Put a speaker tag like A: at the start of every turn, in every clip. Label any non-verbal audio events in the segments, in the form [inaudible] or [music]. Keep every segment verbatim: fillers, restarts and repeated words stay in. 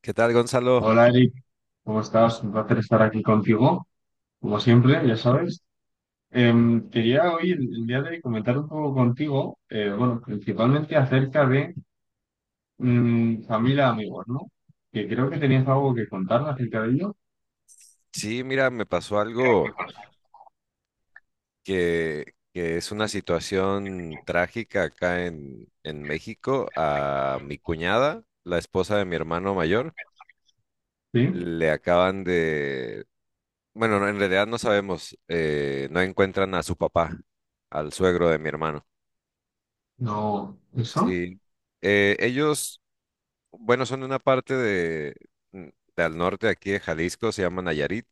A: ¿Qué tal, Gonzalo?
B: Hola Eric, ¿cómo estás? Un placer estar aquí contigo, como siempre, ya sabes. Em, quería hoy, el, el día de hoy, comentar un poco contigo, eh, bueno, principalmente acerca de mm, familia, amigos, ¿no? Que creo que tenías algo que contar acerca de ello.
A: Sí, mira, me pasó algo que, que es una situación trágica acá en, en México. A mi cuñada, la esposa de mi hermano mayor,
B: Sí,
A: le acaban de... Bueno, no, en realidad no sabemos, eh, no encuentran a su papá, al suegro de mi hermano.
B: no, eso.
A: Sí. Eh, ellos, bueno, son de una parte de, mm, del norte aquí de Jalisco, se llaman Nayarit.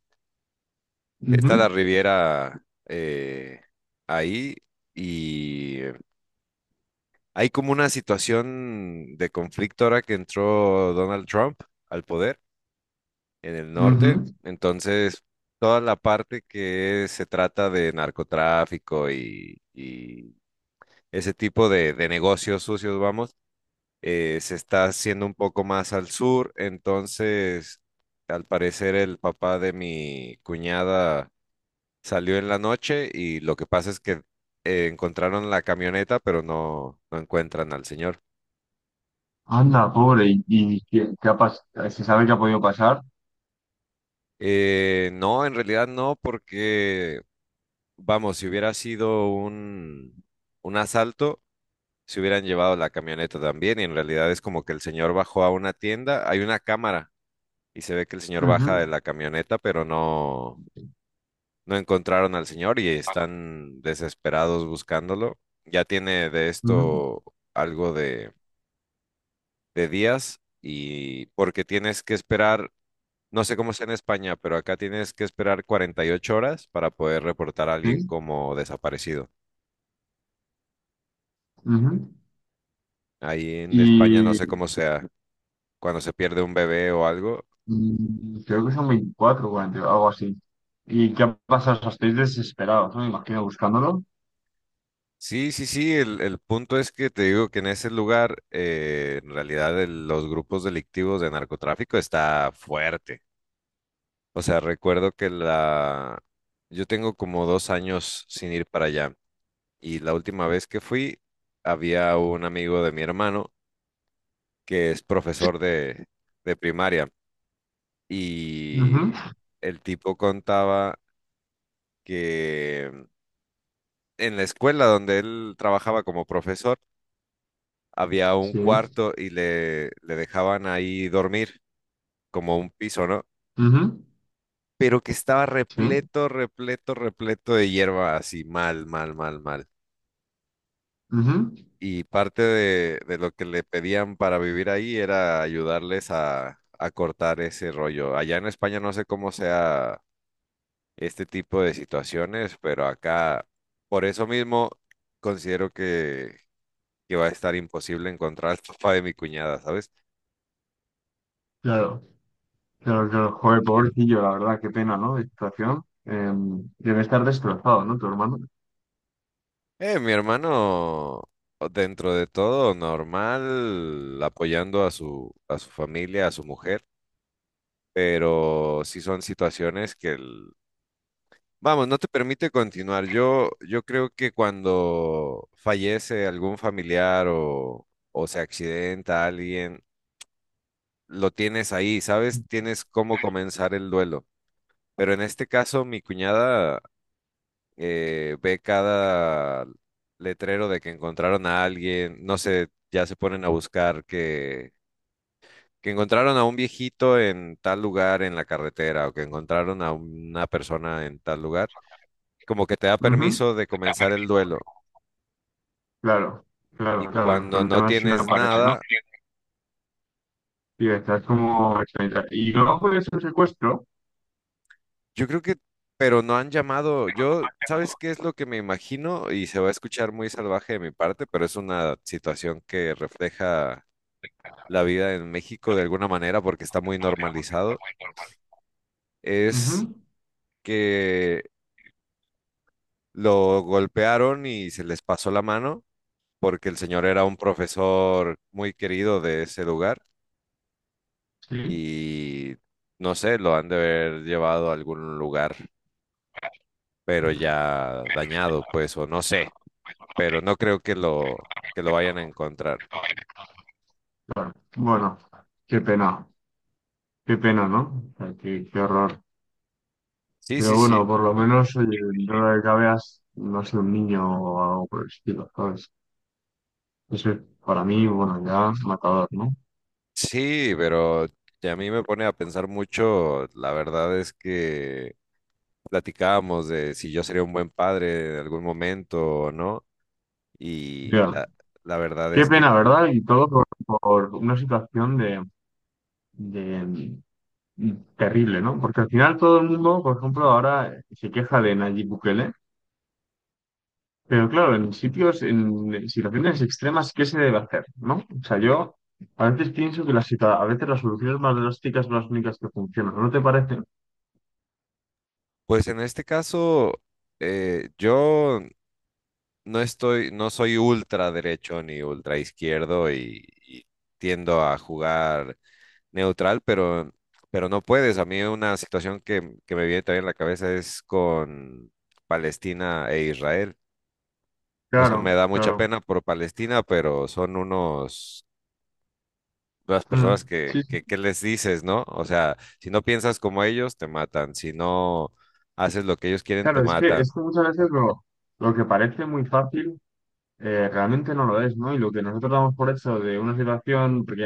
B: Ujú,
A: Está la Riviera eh, ahí y hay como una situación de conflicto ahora que entró Donald Trump al poder en el norte.
B: ujú.
A: Entonces, toda la parte que se trata de narcotráfico y, y ese tipo de, de negocios sucios, vamos, eh, se está haciendo un poco más al sur. Entonces, al parecer, el papá de mi cuñada salió en la noche y lo que pasa es que eh, encontraron la camioneta, pero no, no encuentran al señor.
B: Anda, pobre, ¿y, y qué, qué ha pas- se sabe qué ha podido pasar?
A: Eh, no, en realidad no, porque, vamos, si hubiera sido un, un asalto, se hubieran llevado la camioneta también. Y en realidad es como que el señor bajó a una tienda, hay una cámara y se ve que el señor baja
B: Ujú,
A: de la camioneta, pero no, no encontraron al señor y están desesperados buscándolo. Ya tiene de
B: ujú,
A: esto algo de de días y porque tienes que esperar, no sé cómo es en España, pero acá tienes que esperar cuarenta y ocho horas para poder reportar a alguien
B: sí,
A: como desaparecido.
B: ujú.
A: Ahí en España no sé cómo sea, cuando se pierde un bebé o algo.
B: Mm, creo que son veinticuatro o algo así. ¿Y qué ha pasado? O sea, estáis desesperados, ¿no? Me imagino buscándolo.
A: Sí, sí, sí, el, el punto es que te digo que en ese lugar, eh, en realidad el- los grupos delictivos de narcotráfico está fuerte. O sea, recuerdo que la... Yo tengo como dos años sin ir para allá. Y la última vez que fui, había un amigo de mi hermano que es profesor de, de primaria
B: Ujú,
A: y el tipo contaba que mm, en la escuela donde él trabajaba como profesor había un
B: sí,
A: cuarto y le, le dejaban ahí dormir como un piso, ¿no?
B: ujú,
A: Pero que estaba
B: sí,
A: repleto, repleto, repleto de hierba, así mal, mal, mal, mal.
B: ujú.
A: Y parte de, de lo que le pedían para vivir ahí era ayudarles a, a cortar ese rollo. Allá en España no sé cómo sea este tipo de situaciones, pero acá por eso mismo considero que, que va a estar imposible encontrar al papá de mi cuñada, ¿sabes?
B: Claro, claro, claro. Joder, pobrecillo, la verdad, qué pena, ¿no? De situación. Eh, debe estar destrozado, ¿no? Tu hermano.
A: Eh, mi hermano, dentro de todo, normal, apoyando a su, a su familia, a su mujer, pero sí son situaciones que... el vamos, no te permite continuar. Yo, yo creo que cuando fallece algún familiar o, o se accidenta alguien, lo tienes ahí, ¿sabes? Tienes cómo comenzar el duelo. Pero en este caso, mi cuñada eh, ve cada letrero de que encontraron a alguien, no sé, ya se ponen a buscar que, que encontraron a un viejito en tal lugar en la carretera o que encontraron a una persona en tal lugar. Como que te da
B: Ujú,
A: permiso de comenzar el duelo.
B: claro,
A: Y
B: claro, claro.
A: cuando
B: Pero el
A: no
B: tema es si no
A: tienes
B: aparece, ¿no?
A: nada,
B: Y estás como extrañita. Y luego puede ser secuestro.
A: yo creo que, pero no han llamado, yo, ¿sabes qué es lo que me imagino? Y se va a escuchar muy salvaje de mi parte, pero es una situación que refleja la vida en México de alguna manera porque está muy normalizado. Es
B: Ujú,
A: que lo golpearon y se les pasó la mano porque el señor era un profesor muy querido de ese lugar
B: sí,
A: y no sé, lo han de haber llevado a algún lugar pero
B: ujú.
A: ya dañado, pues, o no sé, pero no creo que lo, que lo vayan a encontrar.
B: Claro. Bueno, qué pena. Qué pena, ¿no? O sea, qué, qué horror.
A: Sí, sí,
B: Pero bueno,
A: sí,
B: por lo menos, oye, dentro de lo que cabe, has- no ha sido un niño o algo por el estilo, ¿sabes? Eso es, para mí, bueno, ya matador, ¿no?
A: sí, pero a mí me pone a pensar mucho, la verdad es que platicábamos de si yo sería un buen padre en algún momento o no, y
B: Ya.
A: la, la verdad
B: Qué
A: es que,
B: pena, ¿verdad? Y todo por, por una situación de, de- mm, terrible, ¿no? Porque al final todo el mundo, por ejemplo, ahora se queja de Nayib Bukele. Pero claro, en sitios, en situaciones extremas, ¿qué se debe hacer? ¿No? O sea, yo a veces pienso que las, situa- a veces las soluciones más drásticas son las únicas que funcionan, ¿no te parece?
A: pues en este caso, eh, yo no estoy, no soy ultra derecho ni ultra izquierdo y, y tiendo a jugar neutral, pero, pero no puedes. A mí una situación que, que me viene también a la cabeza es con Palestina e Israel. O sea, me
B: Claro,
A: da mucha
B: claro.
A: pena por Palestina, pero son unos, unas personas
B: Mm,
A: que,
B: sí, sí,
A: que, ¿qué les dices, no? O sea, si no piensas como ellos, te matan. Si no haces lo que ellos quieren, te
B: claro, es que,
A: matan.
B: es que muchas veces lo, lo que parece muy fácil eh, realmente no lo es, ¿no? Y lo que nosotros damos por hecho de una situación, porque,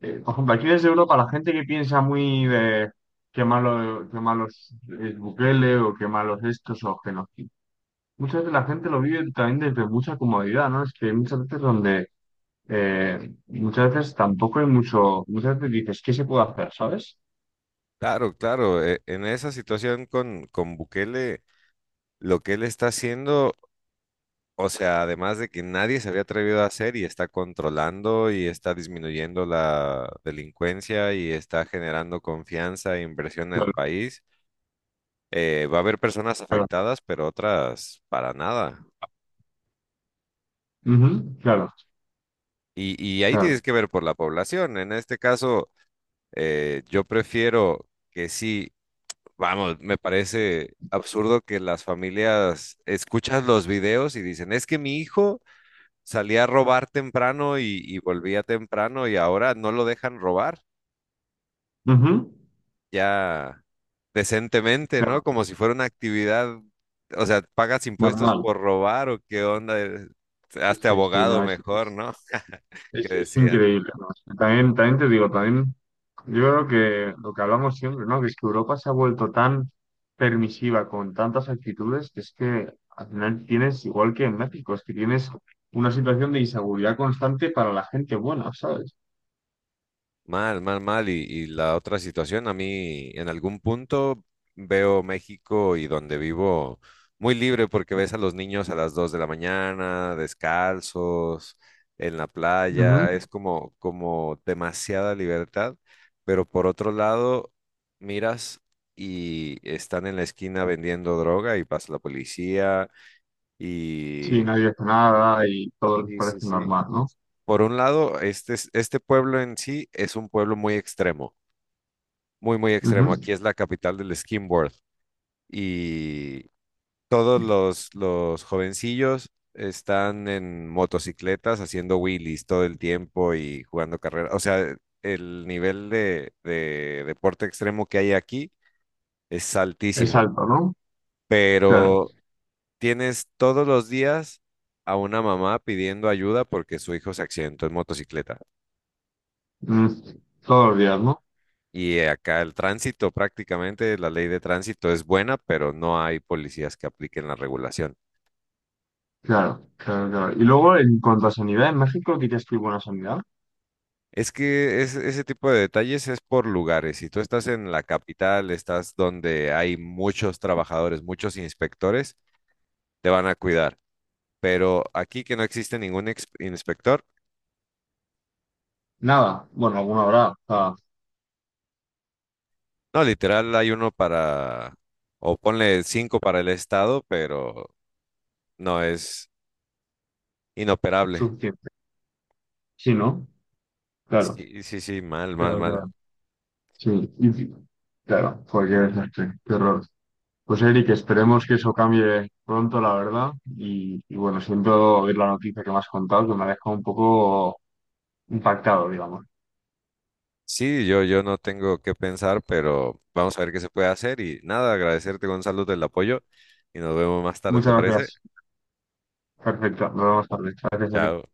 B: eh, por ejemplo, aquí desde Europa la gente que piensa muy de qué malo, qué malos es Bukele o qué malos estos o que no. Muchas veces la gente lo vive también desde mucha comodidad, ¿no? Es que hay muchas veces donde, eh, muchas veces tampoco hay mucho, muchas veces dices, ¿qué se puede hacer? ¿Sabes?
A: Claro, claro. e- En esa situación con, con Bukele, lo que él está haciendo, o sea, además de que nadie se había atrevido a hacer y está controlando y está disminuyendo la delincuencia y está generando confianza e inversión en el
B: Claro,
A: país, eh, va a haber personas
B: claro.
A: afectadas, pero otras para nada.
B: Ujú, claro,
A: Y, y ahí
B: claro.
A: tienes que ver por la población. En este caso, eh, yo prefiero que sí, vamos, me parece absurdo que las familias escuchan los videos y dicen, es que mi hijo salía a robar temprano y, y volvía temprano y ahora no lo dejan robar
B: Ujú,
A: ya decentemente, ¿no?
B: claro,
A: Como si fuera una actividad, o sea, pagas impuestos
B: normal.
A: por robar o qué onda. Eh, hazte
B: Sí, sí,
A: abogado
B: no es.
A: mejor, ¿no? [laughs] Que
B: Es, es
A: decía.
B: increíble, ¿no? También, también te digo, también yo creo que lo que hablamos siempre, ¿no? Que es que Europa se ha vuelto tan permisiva con tantas actitudes que es que al final tienes, igual que en México, es que tienes una situación de inseguridad constante para la gente buena, ¿sabes?
A: Mal, mal, mal. Y, y la otra situación, a mí en algún punto veo México y donde vivo muy libre porque ves a los niños a las dos de la mañana, descalzos, en la
B: Ujú.
A: playa, es como, como demasiada libertad. Pero por otro lado, miras y están en la esquina vendiendo droga y pasa la policía
B: Sí,
A: y...
B: nadie hace nada y todo les
A: Sí, sí,
B: parece
A: sí.
B: normal, ¿no?
A: Por un lado, este, es- este pueblo en sí es un pueblo muy extremo. Muy, muy extremo.
B: Ujú.
A: Aquí es la capital del skimboard y todos los, los jovencillos están en motocicletas haciendo wheelies todo el tiempo y jugando carreras. O sea, el nivel de, de deporte extremo que hay aquí es
B: Es
A: altísimo,
B: alto, ¿no? Claro.
A: pero tienes todos los días a una mamá pidiendo ayuda porque su hijo se accidentó en motocicleta.
B: Mm, todos los días, ¿no?
A: Y eh, acá el tránsito, prácticamente la ley de tránsito es buena, pero no hay policías que apliquen la regulación.
B: Claro, claro, claro. Y luego, en cuanto a sanidad, en México dirías que hay buena sanidad.
A: Es que es- ese tipo de detalles es por lugares. Si tú estás en la capital, estás donde hay muchos trabajadores, muchos inspectores, te van a cuidar. Pero aquí que no existe ningún ex- inspector,
B: Nada, bueno, alguna habrá, o sea,
A: no, literal hay uno para, o ponle cinco para el estado, pero no es inoperable.
B: suficiente. Sí, ¿no? Claro,
A: Sí, sí, sí, mal, mal,
B: claro,
A: mal.
B: claro. Sí, y- sí, claro, pues qué desastre, qué horror. Pues Eric, esperemos que eso cambie pronto, la verdad. Y, y bueno, siento oír la noticia que me has contado, que me ha dejado un poco impactado, digamos.
A: Sí, yo, yo no tengo que pensar, pero vamos a ver qué se puede hacer y nada, agradecerte Gonzalo del apoyo y nos vemos más tarde, ¿te
B: Muchas
A: parece?
B: gracias. Perfecto, nos vemos tarde. Gracias, Eric.
A: Chao.